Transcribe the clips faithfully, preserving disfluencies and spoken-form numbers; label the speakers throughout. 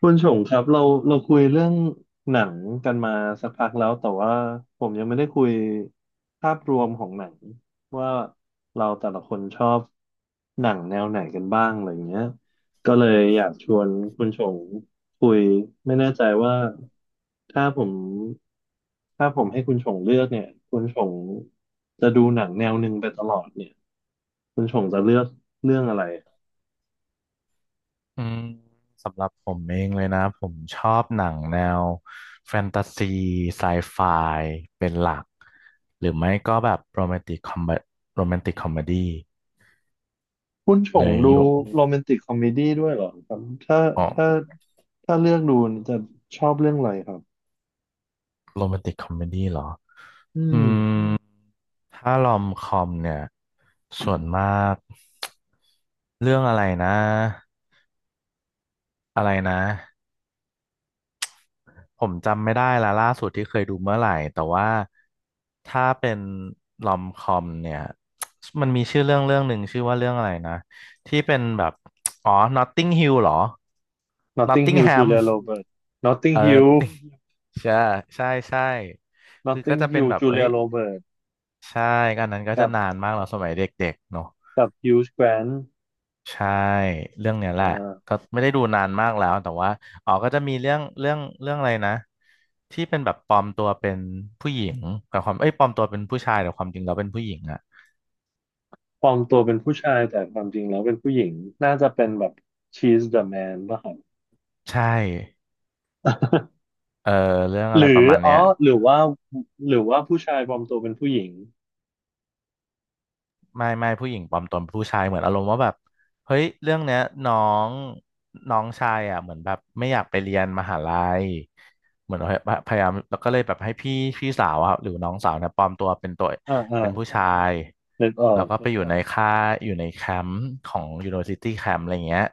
Speaker 1: คุณชงครับเราเราคุยเรื่องหนังกันมาสักพักแล้วแต่ว่าผมยังไม่ได้คุยภาพรวมของหนังว่าเราแต่ละคนชอบหนังแนวไหนกันบ้างอะไรอย่างเงี้ยก็เลยอยากชวนคุณชงคุยไม่แน่ใจว่าถ้าผมถ้าผมให้คุณชงเลือกเนี่ยคุณชงจะดูหนังแนวหนึ่งไปตลอดเนี่ยคุณชงจะเลือกเรื่องอะไร
Speaker 2: อืมสำหรับผมเองเลยนะผมชอบหนังแนวแฟนตาซีไซไฟเป็นหลักหรือไม่ก็แบบโรแมนติกคอมโรแมนติกคอมเมดี้
Speaker 1: คุณช
Speaker 2: เล
Speaker 1: ง
Speaker 2: ยอ
Speaker 1: ดู
Speaker 2: ยยก
Speaker 1: โรแมนติกคอมเมดี้ด้วยเหรอครับถ้า
Speaker 2: อ๋
Speaker 1: ถ้า
Speaker 2: อ
Speaker 1: ถ้าเลือกดูจะชอบเรื่องอะไรครับ
Speaker 2: โรแมนติกคอมเมดี้เหรอ
Speaker 1: อื
Speaker 2: อื
Speaker 1: ม
Speaker 2: มถ้ารอมคอมเนี่ยส่วนมากเรื่องอะไรนะอะไรนะ ผมจำไม่ได้ละล่าสุดที่เคยดูเมื่อไหร่แต่ว่าถ้าเป็นลอมคอมเนี่ย มันมีชื่อเรื่องเรื่องหนึ่งชื่อว่าเรื่องอะไรนะที่เป็นแบบอ๋อ Notting Hill เหรอ
Speaker 1: Notting Hill
Speaker 2: Nottingham
Speaker 1: Julia Roberts Notting Hill
Speaker 2: มใช่ใช่ใช่คือก็จะ
Speaker 1: Notting
Speaker 2: เป็น
Speaker 1: Hill
Speaker 2: แบบเอ้ย
Speaker 1: Julia Roberts
Speaker 2: ใช่อันนั้นก็
Speaker 1: กั
Speaker 2: จะ
Speaker 1: บ
Speaker 2: นานมากเราสมัยเด็กๆเนาะ
Speaker 1: กับ Hugh Grant
Speaker 2: ใช่เรื่องเนี้ยแห
Speaker 1: อ่
Speaker 2: ละก็
Speaker 1: า
Speaker 2: ไม่ได้ดูนานมากแล้วแต่ว่าอ๋อก็จะมีเรื่องเรื่องเรื่องอะไรนะที่เป็นแบบปลอมตัวเป็นผู้หญิงแต่ความเอ้ยปลอมตัวเป็นผู้ชายแต่ความจริงเราเป็นผู้หญิงอะ
Speaker 1: ปลอมตัวเป็นผู้ชายแต่ความจริงแล้วเป็นผู้หญิงน่าจะเป็นแบบ She's the Man ป่ะครับ
Speaker 2: ใช่เออเรื่องอะ
Speaker 1: ห
Speaker 2: ไร
Speaker 1: รื
Speaker 2: ป
Speaker 1: อ
Speaker 2: ระมาณเนี้
Speaker 1: อ๋อ
Speaker 2: ย
Speaker 1: หรือว่าหรือว่าผู้ชายปลอมตัวเป็นผู้หญิง
Speaker 2: ไม่ไม่ผู้หญิงปลอมตนผู้ชายเหมือนอารมณ์ว่าแบบเฮ้ยเรื่องเนี้ยน้องน้องชายอ่ะเหมือนแบบไม่อยากไปเรียนมหาลัยเหมือนพยายามแล้วก็เลยแบบให้พี่พี่สาวอะหรือน้องสาวเนี่ยปลอมตัวเป็นตัว
Speaker 1: อ่าอ่า
Speaker 2: เป็นผู้ชาย
Speaker 1: นึกออ
Speaker 2: แล้ว
Speaker 1: ก
Speaker 2: ก็ไปอยู่ในค่ายอยู่ในแคมป์ของ University Camp อะไรเงี้ย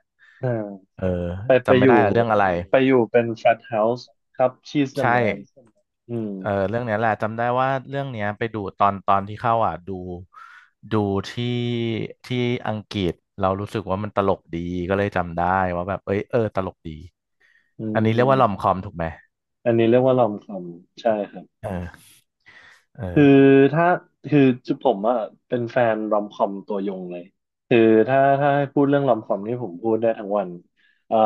Speaker 1: อ่า
Speaker 2: เออ
Speaker 1: ไปไป
Speaker 2: จำ
Speaker 1: อ
Speaker 2: ไม่
Speaker 1: ยู่
Speaker 2: ได้แล้วเรื่องอะไร
Speaker 1: ไปอยู่เป็นแฟตเฮาส์ครับ she's the
Speaker 2: ใช่
Speaker 1: man อืม
Speaker 2: เออเรื่องเนี้ยแหละจำได้ว่าเรื่องเนี้ยไปดูตอนตอนที่เข้าอ่ะดูดูที่ที่อังกฤษเรารู้สึกว่ามันตลกดีก็เลยจำได้ว่าแบบเอ้ยเออตลกดี
Speaker 1: อื
Speaker 2: อันนี้เรียกว่าลอม
Speaker 1: ม
Speaker 2: คอมถูกไหม
Speaker 1: อันนี้เรียกว่ารอมคอมใช่ครับ
Speaker 2: เออเอ
Speaker 1: คือ
Speaker 2: อ
Speaker 1: ถ้าคือจุผมอะเป็นแฟนรอมคอมตัวยงเลยคือถ้าถ้าให้พูดเรื่องรอมคอมนี่ผมพูดได้ทั้งวันเอ่อ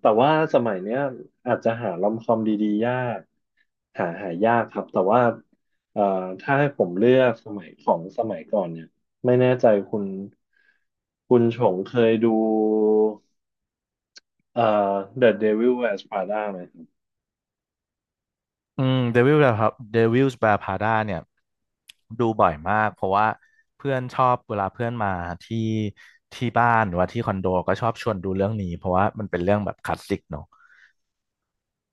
Speaker 1: แต่ว่าสมัยเนี้ยอาจจะหารอมคอมดีๆยากหาหายากครับแต่ว่าเอ่อถ้าให้ผมเลือกสมัยของสมัยก่อนเนี่ยไม่แน่ใจคุณคุณชงเคยดู เอ่อ The Devil Wears Prada ไหมครับ
Speaker 2: อืมเดวิลครับเดวิลส์แวร์พาด้าเนี่ยดูบ่อยมากเพราะว่าเพื่อนชอบเวลาเพื่อนมาที่ที่บ้านหรือว่าที่คอนโดก็ชอบชวนดูเรื่องนี้เพราะว่ามันเป็นเรื่องแบบคลาสสิกเนอะ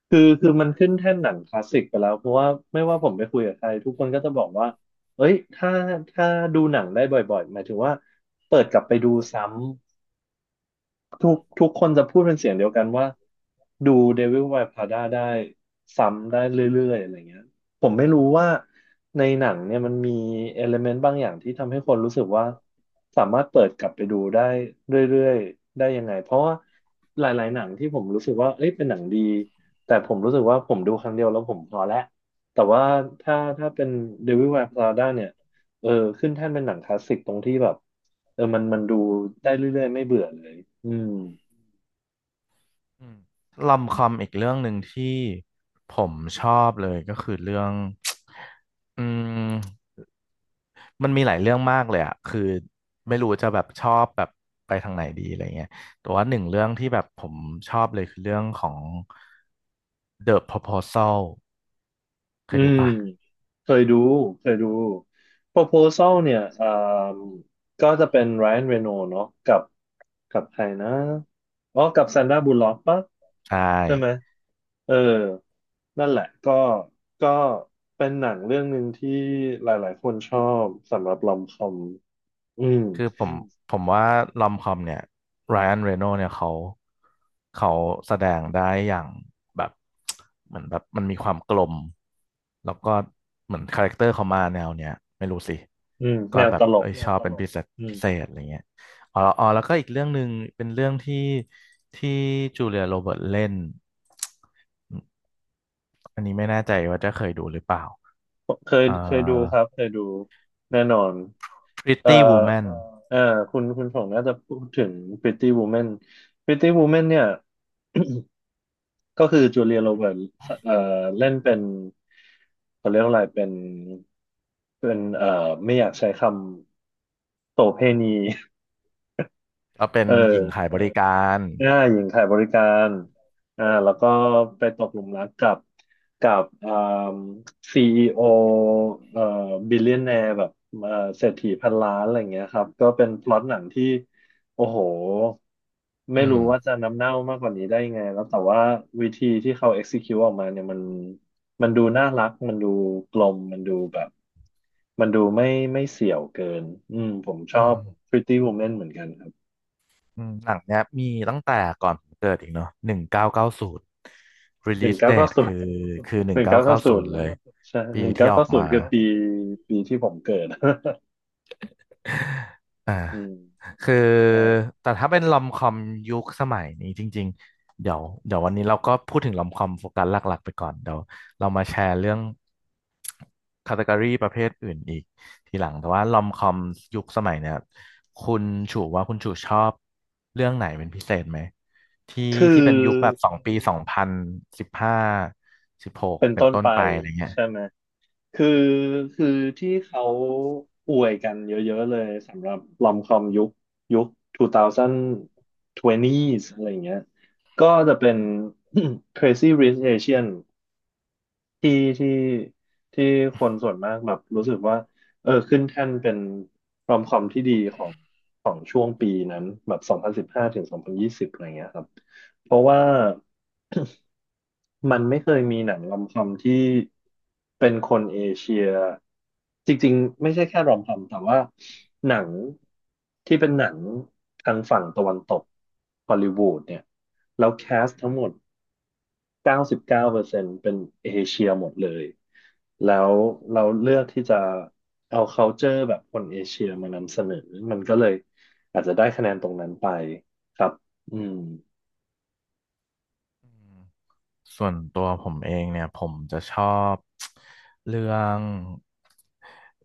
Speaker 1: คือคือมันขึ้นแท่นหนังคลาสสิกไปแล้ว เพราะว่าไม่ว่าผมไปคุยกับใครทุกคนก็จะบอกว่าเอ้ยถ้าถ้าดูหนังได้บ่อยๆหมายถึงว่าเปิดกลับไปดูซ้ำ ทุกทุกคนจะพูดเป็นเสียงเดียวกันว่าดู Devil Wears Prada ได้ซ้ำได้เรื่อยๆอะไรเงี้ยผมไม่รู้ว่าในหนังเนี่ยมันมีเอลเมนต์บางอย่างที่ทำให้คนรู้สึกว่าสามารถเปิดกลับไปดูได้เรื่อยๆได้ยังไงเพราะว่าหลายๆหนังที่ผมรู้สึกว่าเอ้ยเป็นหนังดีแต่ผมรู้สึกว่าผมดูครั้งเดียวแล้วผมพอแล้วแต่ว่าถ้าถ้าเป็น Devil Wears Prada เนี่ย เออขึ้นแท่นเป็นหนังคลาสสิกตรงที่แบบเออมันมันดูได้เรื่อยๆไม่เบื่อเลยอืม
Speaker 2: อืมลอมคอมอีกเรื่องหนึ่งที่ผมชอบเลยก็คือเรื่อง อืมมันมีหลายเรื่องมากเลยอะคือไม่รู้จะแบบชอบแบบไปทางไหนดีอะไรเงี้ยแต่ว่าหนึ่งเรื่องที่แบบผมชอบเลยคือเรื่องของ The Proposal เค
Speaker 1: อื
Speaker 2: ยดู
Speaker 1: ม
Speaker 2: ปะ
Speaker 1: เคยดูเคยดู Proposal เนี่ยอ่าก็จะเป็น Ryan Reynolds เนาะกับกับใครนะอ๋อกับ Sandra Bullock ปะ
Speaker 2: ใช่
Speaker 1: ใช่ไหมเออนั่นแหละก็ก็เป็นหนังเรื่องหนึ่งที่หลายๆคนชอบสำหรับลอมคอมอืม
Speaker 2: คือผมผมว่าลอมคอมเนี่ยไรอันเรโนเนี่ยเขาเขาแสดงได้อย่างแบบเหมือนแบบมันมีความกลมแล้วก็เหมือนคาแรคเตอร์เขามาแนวเนี้ยไม่รู้สิ
Speaker 1: อืม
Speaker 2: ก็
Speaker 1: แนว
Speaker 2: แบ
Speaker 1: ต
Speaker 2: บ
Speaker 1: ลก
Speaker 2: เอ้ยแนชวอบตเป็นลพิกเศษพิเศษอะไรเงี้ยอ๋อแล้วอ๋อแล้วก็อีกเรื่องหนึ่งเป็นเรื่องที่ที่จูเลียโรเบิร์ตเล่นอันนี้ไม่แน่ใจว่าจะเคยดูหรือเปล่า
Speaker 1: เคย
Speaker 2: เอ่อ
Speaker 1: เคยดู
Speaker 2: ไม่เอ
Speaker 1: ครับ
Speaker 2: อ
Speaker 1: เคยดูแน่นอนเอ่อ
Speaker 2: Pretty Woman
Speaker 1: เอ่อคุณคุณผงน่าจะพูดถึง Pretty Woman Pretty Woman เนี่ยก็คือจูเลียโรเบิร์ตเอ่อเล่นเป็นเขาเรียกว่าอะไรเป็นเป็นเอ่อไม่อยากใช้คำโสเภณี
Speaker 2: ก็เป็น
Speaker 1: เอ
Speaker 2: หญิ
Speaker 1: อ
Speaker 2: งขายบเอบริอการ
Speaker 1: อ่าหญิงขายบริการอ่าแล้วก็ไปตกหลุมรักกับกับอ่าซีอีโอเอ่อบิลเลียนแนร์แบบเอ่อเศรษฐีพันล้านอะไรอย่างเงี้ยครับก็เป็นพล็อตหนังที่โอ้โหไม่
Speaker 2: อื
Speaker 1: รู้ว่าจะ
Speaker 2: ม
Speaker 1: น้ำเน่ามากกว่านี้ได้ยังไงแล้วแต่ว่าวิธีที่เขา execute ออกมาเนี่ยมันมันดูน่ารักมันดูกลมมันดูแบบมันดูไม่ไม่เสี่ยวเกินอืมผมชอ
Speaker 2: อื
Speaker 1: บ
Speaker 2: ม
Speaker 1: Pretty Woman เหมือนกันครับ
Speaker 2: อืมหนังเนี้ยมีตั้งแต่ก่อนผมเกิดอีกเนาะหนึ่งเก้าเก้าศูนย์
Speaker 1: หนึ่ง
Speaker 2: release
Speaker 1: เก้าเก็
Speaker 2: date คือ คือหนึ่
Speaker 1: ห
Speaker 2: ง
Speaker 1: นึ่ง
Speaker 2: เก้า
Speaker 1: เก้าเก้า
Speaker 2: เก้า
Speaker 1: ศู
Speaker 2: ศูน
Speaker 1: น
Speaker 2: ย์
Speaker 1: ย์
Speaker 2: เลย
Speaker 1: ใช่
Speaker 2: ปี
Speaker 1: หนึ่ง
Speaker 2: ที่
Speaker 1: เก้า
Speaker 2: ออ
Speaker 1: เก้า
Speaker 2: ก
Speaker 1: ศูน
Speaker 2: มา
Speaker 1: ย์คือปีปีที่ผมเกิด
Speaker 2: อ่า
Speaker 1: อืม
Speaker 2: คือ
Speaker 1: อ่า
Speaker 2: แต่ถ้าเป็นลอมคอมยุคสมัยนี้จริงๆเดี๋ยวเดี๋ยววันนี้เราก็พูดถึงลอมคอมโฟกัสหลักๆไปก่อนเดี๋ยวเรามาแชร์เรื่องคาต e ก o รีประเภทอื่นอีกทีหลังแต่ว่าลอมคอมยุคสมัยเนี่ยคุณชูว่าคุณชูชอบเรื่องไหนเป็นพิเศษไหมที่
Speaker 1: คื
Speaker 2: ที่
Speaker 1: อ
Speaker 2: เป็นยุคแบบสองปีสองพันสิบห้าสิบหก
Speaker 1: เป็น
Speaker 2: เป็น
Speaker 1: ต้น
Speaker 2: ต้น
Speaker 1: ไป
Speaker 2: ไปอะไรเงี้ย
Speaker 1: ใช่ไหมคือคือที่เขาอวยกันเยอะๆเลยสำหรับลอมคอมยุคยุค สองพันยี่สิบ องพันยี่สิบอะไรอย่างเงี้ยก็จะเป็น Crazy Rich Asian ที่ที่ที่คนส่วนมากแบบรู้สึกว่าเออขึ้นแท่นเป็นรอมคอมที่ดีของของช่วงปีนั้นแบบสองพันสิบห้าถึงสองพันยี่สิบอะไรเงี้ยครับเพราะว่า มันไม่เคยมีหนังรอมคอมที่เป็นคนเอเชียจริงๆไม่ใช่แค่รอมคอมแต่ว่าหนังที่เป็นหนังทางฝั่งตะวันตกฮอลลีวูดเนี่ยแล้วแคสทั้งหมดเก้าสิบเก้าเปอร์เซ็นต์เก้าเปอร์เซ็นต์เป็นเอเชียหมดเลยแล้วเราเลือกที่จะเอา culture แบบคนเอเชียมานำเสนอมันก็เลยอาจจะได้คะแนนตรงนั้นไปครับอืม
Speaker 2: อืม ส่วนตัวผมเองเนี่ยผมจะชอบ เรื่อง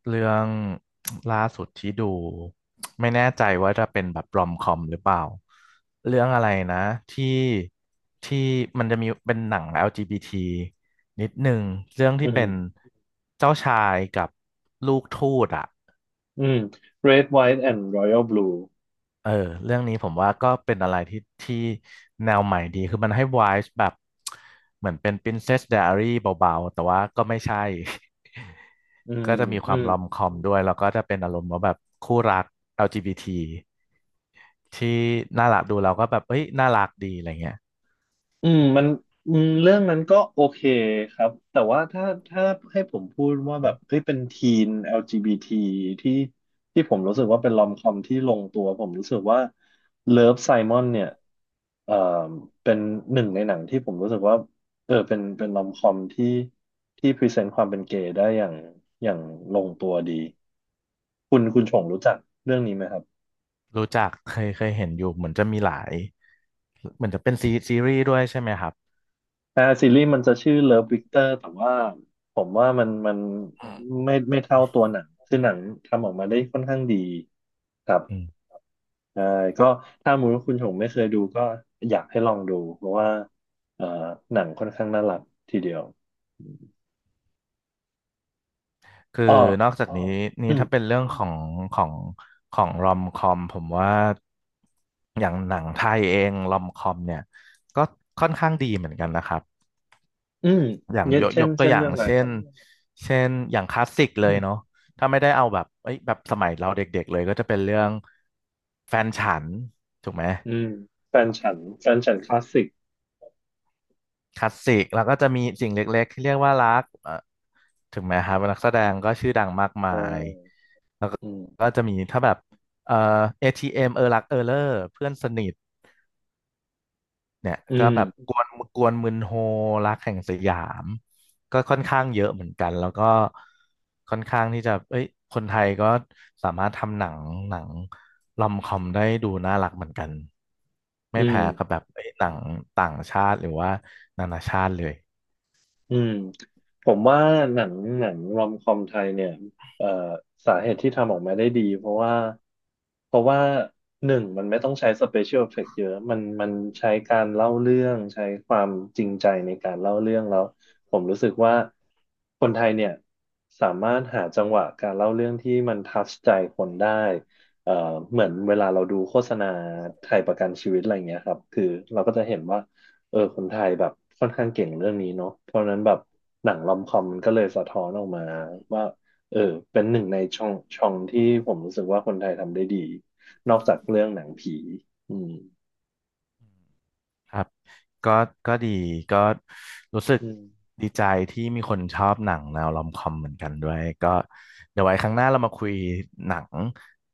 Speaker 2: เรื่อง ล่าสุดที่ดูไม่แน่ใจว่าจะเป็นแบบรอมคอมหรือเปล่าเรื่องอะไรนะที่ที่มันจะมีเป็นหนัง แอล จี บี ที นิดหนึ่งเรื่อง
Speaker 1: อื
Speaker 2: ที่
Speaker 1: ม
Speaker 2: เป็นเจ้าชายกับลูกทูตอ่ะ
Speaker 1: อืม Red White and Royal Blue
Speaker 2: เออเรื่องนี้ผมว่าก็เป็นอะไรที่ที่แนวใหม่ดีคือมันให้ w i v e แบบเหมือนเป็น Princess Diary เบาๆแต่ว่าก็ไม่ใช่
Speaker 1: อื ม
Speaker 2: ก็จะมีค
Speaker 1: อื
Speaker 2: วาม
Speaker 1: ม
Speaker 2: รอมคอมด้วยแล้วก็จะเป็นอารมณ์ว่าแบบคู่รัก แอล จี บี ที ทีที่น่ารักดูเราก็แบบเอ้ยน่ารักดีอะไรเงี้ย
Speaker 1: อืมมันอืมเรื่องนั้นก็โอเคครับ แต่ว่าถ้าถ้าให้ผมพูดว่าแบบเฮ้ยเป็นทีน แอล จี บี ที ทีที่ที่ผมรู้สึกว่าเป็นลอมคอมที่ลงตัว ผมรู้สึกว่า Love Simon เนี่ยเอ่อเป็นหนึ่งในหนังที่ผมรู้สึกว่าเออเป็นเป็นลอมคอมที่ที่พรีเซนต์ความเป็นเกย์ได้อย่างอย่างลงตัวดี คุณคุณชงรู้จักเรื่องนี้ไหมครับ
Speaker 2: รู้จักเคยเคยเห็นอยู่เหมือนจะมีหลายเหมือนจะเป็นซีซีรีส์ด้วยใช่ไหมครับ
Speaker 1: อ่าซีรีส์มันจะชื่อ Love Victor แต่ว่าผมว่ามันมันไม่ไม่เท่าตัวหนัง คือหนังทำออกมาได้ค่อนข้างดีครับ
Speaker 2: อืม
Speaker 1: ใช่ก็ถ้ามูลคุณชงไม่เคยดูก็อยากให้ลองดูเพราะว่าเอ่อหนังค่อนข้างน่ารักทีเดียว
Speaker 2: คือ
Speaker 1: อ๋อ
Speaker 2: นอกจากนี้นี้
Speaker 1: อืม
Speaker 2: ถ้าเป็นเรื่องของของของรอมคอมผมว่าอย่างหนังไทยเองรอมคอมเนี่ยก็ค่อนข้างดีเหมือนกันนะครับ
Speaker 1: อืม
Speaker 2: อย่าง
Speaker 1: เนี่ย
Speaker 2: ยก
Speaker 1: เช่
Speaker 2: ย
Speaker 1: น
Speaker 2: กตัว
Speaker 1: เช่น
Speaker 2: อย่า
Speaker 1: เรื่
Speaker 2: ง
Speaker 1: องอะไร
Speaker 2: เช่
Speaker 1: ครั
Speaker 2: น
Speaker 1: บ
Speaker 2: เช่นอย่างคลาสสิกเลยเนาะถ้าไม่ได้เอาแบบเอ้ยแบบสมัยเราเด็กๆเลยก็จะเป็นเรื่องแฟนฉันถูกไหม
Speaker 1: อืมแฟนฉันแฟนฉันคลาสสิก
Speaker 2: คลาสสิกแล้วก็จะมีสิ่งเล็กๆที่เรียกว่ารักเอ่อถึงแม้ครับนักแสดงก็ชื่อดังมาก
Speaker 1: เ
Speaker 2: มาย
Speaker 1: ออ
Speaker 2: แล้วก็
Speaker 1: อื
Speaker 2: ก็
Speaker 1: ม
Speaker 2: จะมีถ้าแบบเอ่อ เอ ที เอ็ม เอมเออรักเออเลอร์เพื่อนสนิทเนี่ย
Speaker 1: อื
Speaker 2: ก็
Speaker 1: ม
Speaker 2: แบบกวนกวนมึนโฮรักแห่งสยามก็ค่อนข้างเยอะเหมือนกันแล้วก็ค่อนข้างที่จะเอ้ยคนไทยก็สามารถทำหนังหนังลอมคอมได้ดูน่ารักเหมือนกัน
Speaker 1: อื
Speaker 2: ไม่
Speaker 1: ม
Speaker 2: แพ้กับแบบเอ้ยหนังต่างชาติหรือว่านานาชาติเลย
Speaker 1: อืมผมว่าหนังหนังรอมคอมไทยเนี่ยเอ่อสาเหตุที่ทำออกมาได้ดีเพราะว่าเพราะว่าหนึ่งมันไม่ต้องใช้สเปเชียลเอฟเฟกต์เยอะมันมันใช้การเล่าเรื่องใช้ความจริงใจในการเล่าเรื่องแล้วผมรู้สึกว่าคนไทยเนี่ยสามารถหาจังหวะการเล่าเรื่องที่มันทัชใจคนได้เอ่อเหมือนเวลาเราดูโฆษณาไทยประกันชีวิตอะไรเงี้ยครับคือเราก็จะเห็นว่า เออคนไทยแบบค่อนข้างเก่งเรื่องนี้เนาะเพราะฉะนั้นแบบหนังรอมคอมมันก็เลยสะท้อนออกมาว่าเออเป็นหนึ่งในช่องช่องที่ผมรู้สึกว่าคนไทยทำได้ดีนอกจากเรื่องหนังผีอืม
Speaker 2: ครับก็ก็ดีก็รู้สึก
Speaker 1: อืม
Speaker 2: ดีใจที่มีคนชอบหนังแนวรอมคอมเหมือนกันด้วยก็เดี๋ยวไว้ครั้งหน้าเรามาคุยหนัง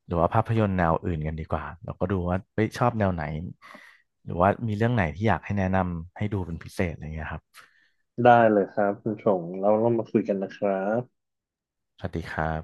Speaker 2: หรือว่าภาพยนตร์แนวอื่นกันดีกว่าเราก็ดูว่าเฮ้ยชอบแนวไหนหรือว่ามีเรื่องไหนที่อยากให้แนะนำให้ดูเป็นพิเศษอะไรเงี้ยครับ
Speaker 1: ได้เลยครับคุณชงเราเรามาคุยกันนะครับ
Speaker 2: สวัสดีครับ